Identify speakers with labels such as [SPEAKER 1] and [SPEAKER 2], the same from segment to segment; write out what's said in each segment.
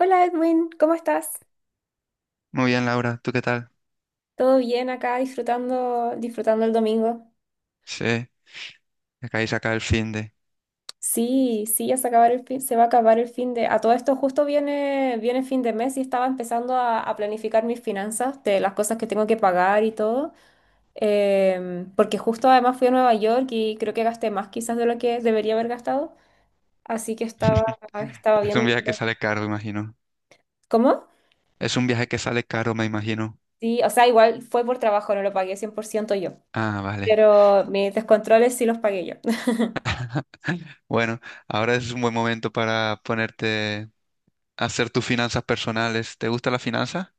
[SPEAKER 1] Hola Edwin, ¿cómo estás?
[SPEAKER 2] Muy bien, Laura, ¿tú qué tal?
[SPEAKER 1] ¿Todo bien acá disfrutando el domingo?
[SPEAKER 2] Sí, acabáis acá el fin de.
[SPEAKER 1] Sí, sí, ya se acabar el fin, se va a acabar el fin de... A todo esto justo viene fin de mes y estaba empezando a planificar mis finanzas, de las cosas que tengo que pagar y todo, porque justo además fui a Nueva York y creo que gasté más quizás de lo que debería haber gastado, así que estaba
[SPEAKER 2] Es un
[SPEAKER 1] viendo un
[SPEAKER 2] viaje que
[SPEAKER 1] poco.
[SPEAKER 2] sale caro, imagino.
[SPEAKER 1] ¿Cómo?
[SPEAKER 2] Es un viaje que sale caro, me imagino.
[SPEAKER 1] Sí, o sea, igual fue por trabajo, no lo pagué 100% yo,
[SPEAKER 2] Ah, vale.
[SPEAKER 1] pero mis descontroles sí los pagué yo.
[SPEAKER 2] Bueno, ahora es un buen momento para ponerte a hacer tus finanzas personales. ¿Te gusta la finanza?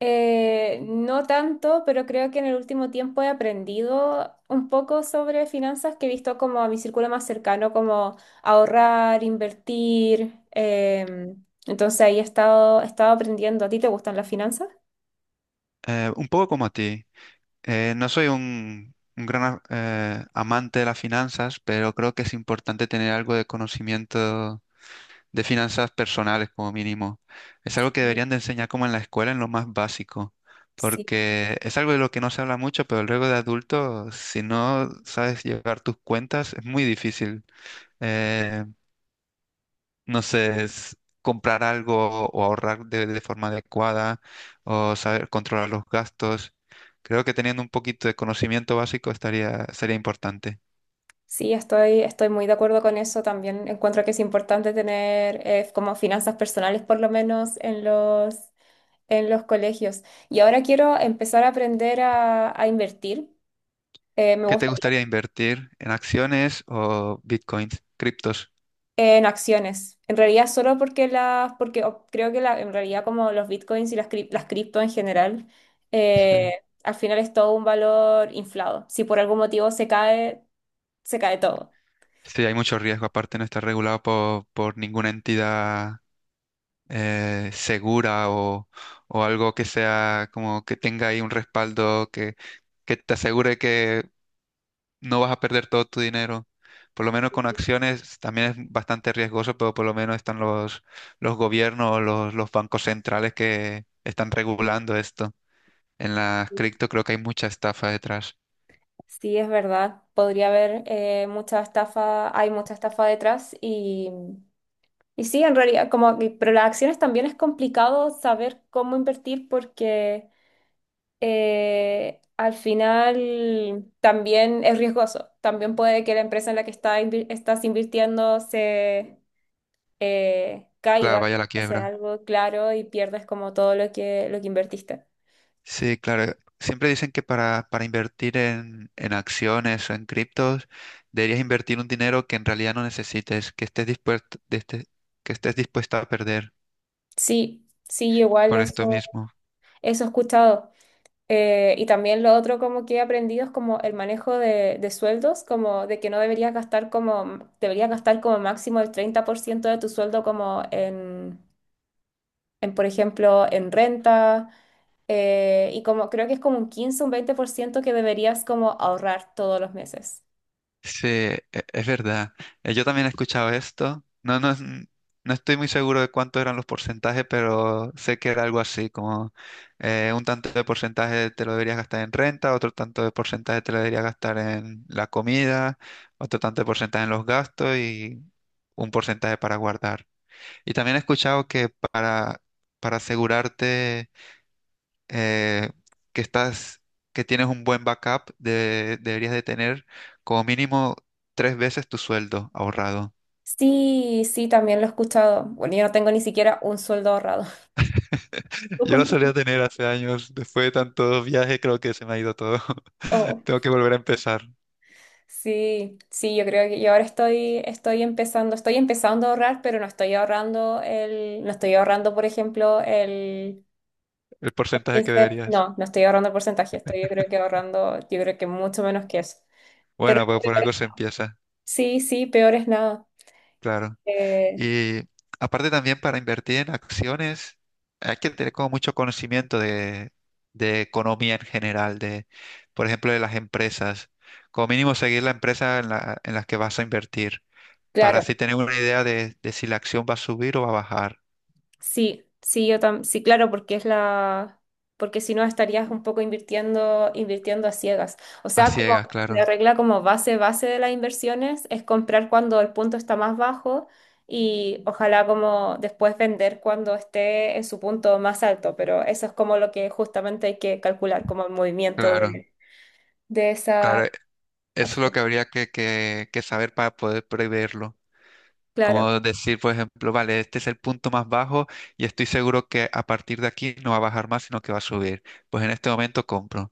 [SPEAKER 1] No tanto, pero creo que en el último tiempo he aprendido un poco sobre finanzas que he visto como a mi círculo más cercano, como ahorrar, invertir. Entonces ahí he estado aprendiendo. ¿A ti te gustan las finanzas?
[SPEAKER 2] Un poco como a ti. No soy un gran amante de las finanzas, pero creo que es importante tener algo de conocimiento de finanzas personales como mínimo. Es algo que deberían de enseñar como en la escuela, en lo más básico,
[SPEAKER 1] Sí,
[SPEAKER 2] porque es algo de lo que no se habla mucho, pero luego de adulto, si no sabes llevar tus cuentas, es muy difícil, eh, no sé, es comprar algo o ahorrar de forma adecuada o saber controlar los gastos. Creo que teniendo un poquito de conocimiento básico estaría, sería importante.
[SPEAKER 1] sí, estoy muy de acuerdo con eso. También encuentro que es importante tener como finanzas personales, por lo menos en en los colegios. Y ahora quiero empezar a aprender a invertir. Me
[SPEAKER 2] ¿Qué te gustaría invertir en acciones o bitcoins, criptos?
[SPEAKER 1] En acciones. En realidad solo porque creo que en realidad como los bitcoins y las cripto en general,
[SPEAKER 2] Sí.
[SPEAKER 1] al final es todo un valor inflado. Si por algún motivo se cae todo.
[SPEAKER 2] Sí, hay mucho riesgo, aparte no está regulado por ninguna entidad segura o algo que sea como que tenga ahí un respaldo que te asegure que no vas a perder todo tu dinero. Por lo menos con acciones también es bastante riesgoso, pero por lo menos están los gobiernos, los bancos centrales que están regulando esto. En las cripto creo que hay mucha estafa detrás.
[SPEAKER 1] Sí, es verdad. Podría haber mucha estafa, hay mucha estafa detrás y sí, en realidad, pero las acciones también es complicado saber cómo invertir porque... al final también es riesgoso. También puede que la empresa en la que estás invirtiendo se
[SPEAKER 2] Claro,
[SPEAKER 1] caiga,
[SPEAKER 2] vaya la
[SPEAKER 1] sea
[SPEAKER 2] quiebra.
[SPEAKER 1] algo claro y pierdes como todo lo lo que invertiste.
[SPEAKER 2] Sí, claro. Siempre dicen que para invertir en acciones o en criptos, deberías invertir un dinero que en realidad no necesites, que estés dispuesto, que estés dispuesto a perder
[SPEAKER 1] Sí, sí, igual
[SPEAKER 2] por esto
[SPEAKER 1] eso,
[SPEAKER 2] mismo.
[SPEAKER 1] eso he escuchado. Y también lo otro como que he aprendido es como el manejo de sueldos, como de que no deberías gastar como, deberías gastar como máximo el 30% de tu sueldo como en, por ejemplo, en renta y como creo que es como un 15 o un 20% que deberías como ahorrar todos los meses.
[SPEAKER 2] Sí, es verdad. Yo también he escuchado esto. No, no, no estoy muy seguro de cuántos eran los porcentajes, pero sé que era algo así, como un tanto de porcentaje te lo deberías gastar en renta, otro tanto de porcentaje te lo deberías gastar en la comida, otro tanto de porcentaje en los gastos y un porcentaje para guardar. Y también he escuchado que para asegurarte eh, que estás, que tienes un buen backup, deberías de tener como mínimo tres veces tu sueldo ahorrado.
[SPEAKER 1] Sí, sí, también lo he escuchado. Bueno, yo no tengo ni siquiera un sueldo ahorrado. ¿Tú
[SPEAKER 2] Yo lo
[SPEAKER 1] cuánto
[SPEAKER 2] solía
[SPEAKER 1] tienes?
[SPEAKER 2] tener hace años, después de tantos viajes creo que se me ha ido todo.
[SPEAKER 1] Oh,
[SPEAKER 2] Tengo que volver a empezar
[SPEAKER 1] sí, sí, yo creo que yo ahora estoy empezando a ahorrar, pero no estoy ahorrando no estoy ahorrando, por ejemplo, el
[SPEAKER 2] el porcentaje que
[SPEAKER 1] 15,
[SPEAKER 2] deberías.
[SPEAKER 1] no, no estoy ahorrando el porcentaje, estoy yo creo que ahorrando, yo creo que mucho menos que eso. Pero
[SPEAKER 2] Bueno, pues por algo se empieza,
[SPEAKER 1] sí, sí, peor es nada.
[SPEAKER 2] claro.
[SPEAKER 1] Eh,
[SPEAKER 2] Y aparte también para invertir en acciones hay que tener como mucho conocimiento de economía en general, de, por ejemplo, de las empresas. Como mínimo seguir la empresa en la, en las que vas a invertir, para
[SPEAKER 1] claro,
[SPEAKER 2] así tener una idea de si la acción va a subir o va a bajar.
[SPEAKER 1] sí, sí, yo tam sí, claro, porque porque si no estarías un poco invirtiendo a ciegas. O
[SPEAKER 2] A
[SPEAKER 1] sea,
[SPEAKER 2] ciegas,
[SPEAKER 1] como la
[SPEAKER 2] claro,
[SPEAKER 1] regla como base, base de las inversiones es comprar cuando el punto está más bajo y ojalá como después vender cuando esté en su punto más alto, pero eso es como lo que justamente hay que calcular, como el movimiento
[SPEAKER 2] claro,
[SPEAKER 1] de esa
[SPEAKER 2] claro. Eso es lo
[SPEAKER 1] acción.
[SPEAKER 2] que habría que, que saber para poder preverlo.
[SPEAKER 1] Claro,
[SPEAKER 2] Como decir, por ejemplo, vale, este es el punto más bajo y estoy seguro que a partir de aquí no va a bajar más, sino que va a subir. Pues en este momento compro.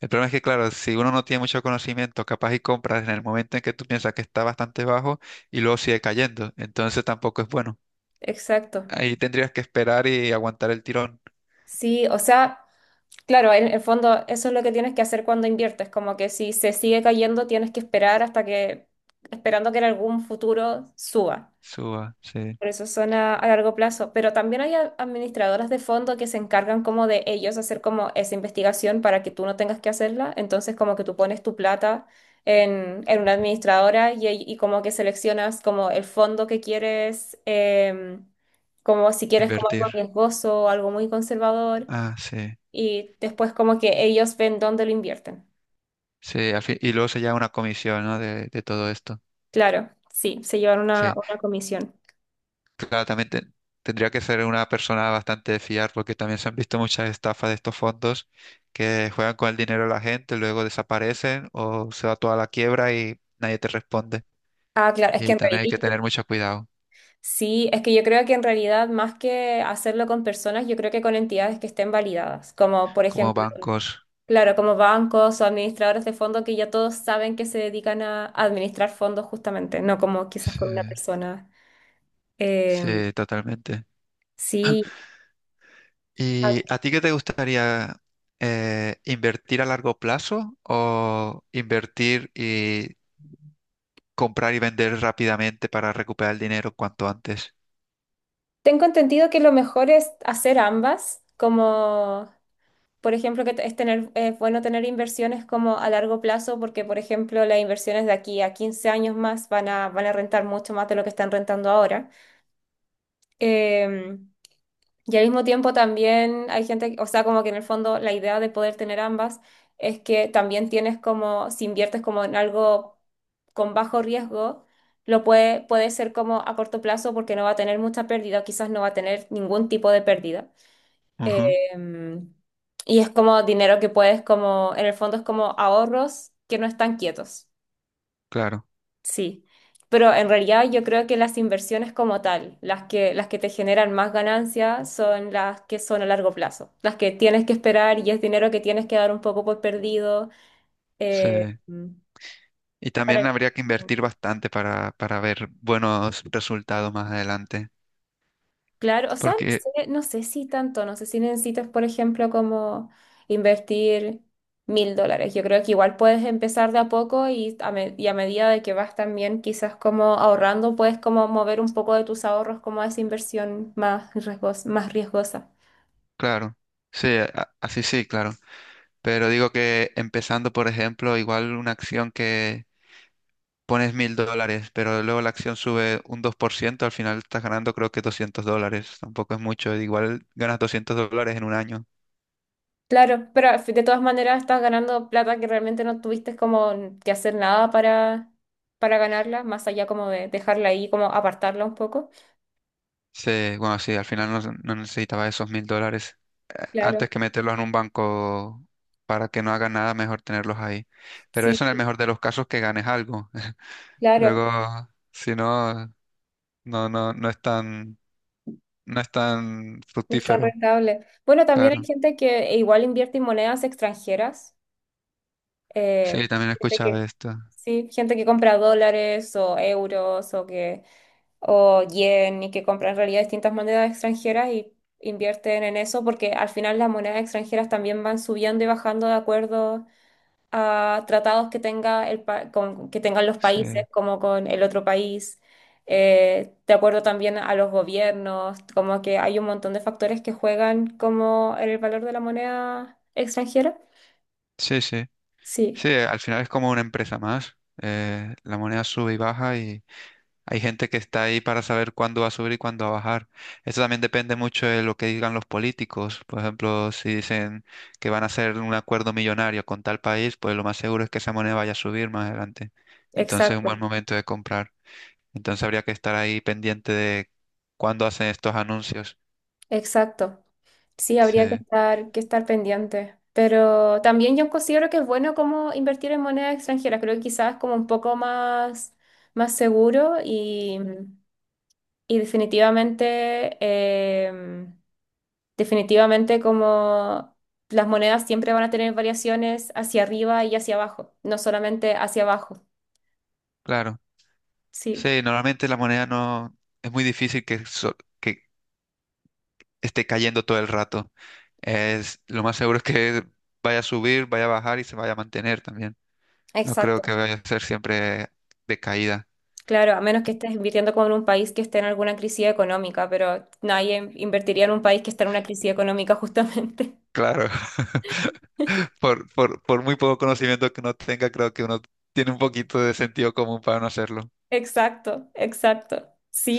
[SPEAKER 2] El problema es que, claro, si uno no tiene mucho conocimiento, capaz y compras en el momento en que tú piensas que está bastante bajo y luego sigue cayendo. Entonces tampoco es bueno.
[SPEAKER 1] exacto.
[SPEAKER 2] Ahí tendrías que esperar y aguantar el tirón.
[SPEAKER 1] Sí, o sea. Claro, en el fondo eso es lo que tienes que hacer cuando inviertes, como que si se sigue cayendo tienes que esperar hasta que, esperando que en algún futuro suba.
[SPEAKER 2] Suba, sí.
[SPEAKER 1] Por eso son a largo plazo. Pero también hay administradoras de fondo que se encargan como de ellos hacer como esa investigación para que tú no tengas que hacerla. Entonces como que tú pones tu plata en una administradora y, y como que seleccionas como el fondo que quieres, como si quieres como algo
[SPEAKER 2] Invertir.
[SPEAKER 1] riesgoso o algo muy conservador
[SPEAKER 2] Ah, sí.
[SPEAKER 1] y después como que ellos ven dónde lo invierten.
[SPEAKER 2] Sí, y luego se lleva una comisión, ¿no? De todo esto.
[SPEAKER 1] Claro, sí, se llevan
[SPEAKER 2] Sí.
[SPEAKER 1] una comisión.
[SPEAKER 2] Claro, tendría que ser una persona bastante de fiar porque también se han visto muchas estafas de estos fondos que juegan con el dinero de la gente, luego desaparecen o se va toda la quiebra y nadie te responde.
[SPEAKER 1] Ah, claro, es que
[SPEAKER 2] Y
[SPEAKER 1] en
[SPEAKER 2] también hay que
[SPEAKER 1] realidad,
[SPEAKER 2] tener mucho cuidado,
[SPEAKER 1] sí, es que yo creo que en realidad más que hacerlo con personas, yo creo que con entidades que estén validadas, como por
[SPEAKER 2] como
[SPEAKER 1] ejemplo,
[SPEAKER 2] bancos.
[SPEAKER 1] claro, como bancos o administradores de fondos que ya todos saben que se dedican a administrar fondos justamente, no como quizás
[SPEAKER 2] Sí,
[SPEAKER 1] con una persona. Eh,
[SPEAKER 2] sí, totalmente.
[SPEAKER 1] sí, ah,
[SPEAKER 2] ¿Y a ti qué te gustaría invertir a largo plazo o invertir y comprar y vender rápidamente para recuperar el dinero cuanto antes?
[SPEAKER 1] tengo entendido que lo mejor es hacer ambas, como por ejemplo, que es tener, es bueno tener inversiones como a largo plazo, porque, por ejemplo, las inversiones de aquí a 15 años más van van a rentar mucho más de lo que están rentando ahora. Eh, y al mismo tiempo también hay gente, o sea, como que en el fondo la idea de poder tener ambas es que también tienes como, si inviertes como en algo con bajo riesgo, lo puede ser como a corto plazo porque no va a tener mucha pérdida, o quizás no va a tener ningún tipo de pérdida.
[SPEAKER 2] Ujú,
[SPEAKER 1] Em, y es como dinero que puedes como, en el fondo es como ahorros que no están quietos.
[SPEAKER 2] claro,
[SPEAKER 1] Sí. Pero en realidad yo creo que las inversiones como tal, las que te generan más ganancias son las que son a largo plazo, las que tienes que esperar y es dinero que tienes que dar un poco por perdido
[SPEAKER 2] sí.
[SPEAKER 1] eh,
[SPEAKER 2] Y también
[SPEAKER 1] para que-
[SPEAKER 2] habría que invertir bastante para ver buenos resultados más adelante.
[SPEAKER 1] claro, o sea, no
[SPEAKER 2] Porque,
[SPEAKER 1] sé, no sé si tanto, no sé si necesitas, por ejemplo, como invertir mil dólares. Yo creo que igual puedes empezar de a poco y y a medida de que vas también quizás como ahorrando, puedes como mover un poco de tus ahorros como a esa más riesgosa.
[SPEAKER 2] claro, sí, así sí, claro. Pero digo que empezando, por ejemplo, igual una acción que pones $1,000, pero luego la acción sube un 2% al final estás ganando creo que $200. Tampoco es mucho. Igual ganas $200 en un año.
[SPEAKER 1] Claro, pero de todas maneras estás ganando plata que realmente no tuviste como que hacer nada para, para ganarla, más allá como de dejarla ahí, como apartarla un poco.
[SPEAKER 2] Sí, bueno, sí, al final no, no necesitaba esos $1,000,
[SPEAKER 1] Claro,
[SPEAKER 2] antes que meterlos en un banco para que no hagan nada, mejor tenerlos ahí. Pero eso en el
[SPEAKER 1] sí,
[SPEAKER 2] mejor de los casos que ganes algo.
[SPEAKER 1] claro.
[SPEAKER 2] Luego, si no, no, no, no es tan, no es tan
[SPEAKER 1] No es tan
[SPEAKER 2] fructífero,
[SPEAKER 1] rentable. Bueno, también hay
[SPEAKER 2] claro.
[SPEAKER 1] gente que igual invierte en monedas extranjeras. eh,
[SPEAKER 2] Sí, también he
[SPEAKER 1] gente
[SPEAKER 2] escuchado
[SPEAKER 1] que,
[SPEAKER 2] esto.
[SPEAKER 1] sí, gente que compra dólares o euros o que o yen y que compra en realidad distintas monedas extranjeras y invierten en eso porque al final las monedas extranjeras también van subiendo y bajando de acuerdo a tratados que tenga que tengan los
[SPEAKER 2] Sí,
[SPEAKER 1] países como con el otro país, de acuerdo también a los gobiernos, como que hay un montón de factores que juegan como en el valor de la moneda extranjera.
[SPEAKER 2] sí, sí.
[SPEAKER 1] Sí,
[SPEAKER 2] Sí, al final es como una empresa más. La moneda sube y baja y hay gente que está ahí para saber cuándo va a subir y cuándo va a bajar. Eso también depende mucho de lo que digan los políticos. Por ejemplo, si dicen que van a hacer un acuerdo millonario con tal país, pues lo más seguro es que esa moneda vaya a subir más adelante. Entonces es un
[SPEAKER 1] exacto,
[SPEAKER 2] buen momento de comprar. Entonces habría que estar ahí pendiente de cuándo hacen estos anuncios.
[SPEAKER 1] exacto. Sí, habría
[SPEAKER 2] Sí,
[SPEAKER 1] que estar pendiente. Pero también yo considero que es bueno como invertir en monedas extranjeras. Creo que quizás es como un poco más, más seguro y definitivamente definitivamente como las monedas siempre van a tener variaciones hacia arriba y hacia abajo, no solamente hacia abajo.
[SPEAKER 2] claro.
[SPEAKER 1] Sí,
[SPEAKER 2] Sí, normalmente la moneda no es muy difícil que, que esté cayendo todo el rato. Es lo más seguro es que vaya a subir, vaya a bajar y se vaya a mantener también. No creo que
[SPEAKER 1] exacto.
[SPEAKER 2] vaya a ser siempre de caída.
[SPEAKER 1] Claro, a menos que estés invirtiendo con un país que esté en alguna crisis económica, pero nadie invertiría en un país que está en una crisis económica justamente.
[SPEAKER 2] Claro, por muy poco conocimiento que uno tenga, creo que uno tiene un poquito de sentido común para no hacerlo.
[SPEAKER 1] Exacto, exacto.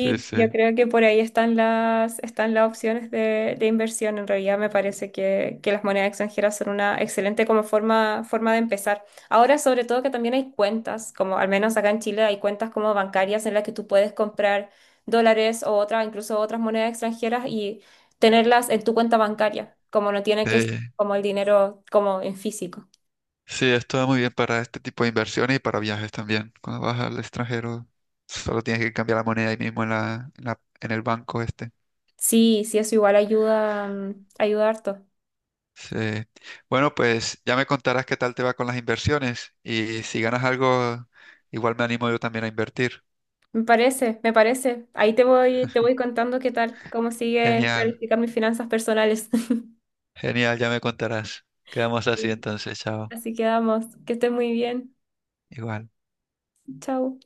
[SPEAKER 2] Sí,
[SPEAKER 1] yo
[SPEAKER 2] sí.
[SPEAKER 1] creo que por ahí están están las opciones de inversión. En realidad me parece que las monedas extranjeras son una excelente como forma de empezar. Ahora, sobre todo que también hay cuentas, como al menos acá en Chile hay cuentas como bancarias en las que tú puedes comprar dólares o otras, incluso otras monedas extranjeras y tenerlas en tu cuenta bancaria, como no tiene que ser
[SPEAKER 2] Eh,
[SPEAKER 1] como el dinero como en físico.
[SPEAKER 2] sí, esto va muy bien para este tipo de inversiones y para viajes también. Cuando vas al extranjero, solo tienes que cambiar la moneda ahí mismo en la, en el banco este.
[SPEAKER 1] Sí, sí, eso igual ayuda, ayuda harto.
[SPEAKER 2] Sí. Bueno, pues ya me contarás qué tal te va con las inversiones y si ganas algo, igual me animo yo también a invertir.
[SPEAKER 1] Me parece, me parece. Ahí te voy contando qué tal, cómo sigue
[SPEAKER 2] Genial.
[SPEAKER 1] planificar mis finanzas personales.
[SPEAKER 2] Genial, ya me contarás. Quedamos así
[SPEAKER 1] Sí.
[SPEAKER 2] entonces, chao.
[SPEAKER 1] Así quedamos. Que estés muy bien.
[SPEAKER 2] Igual.
[SPEAKER 1] Chao.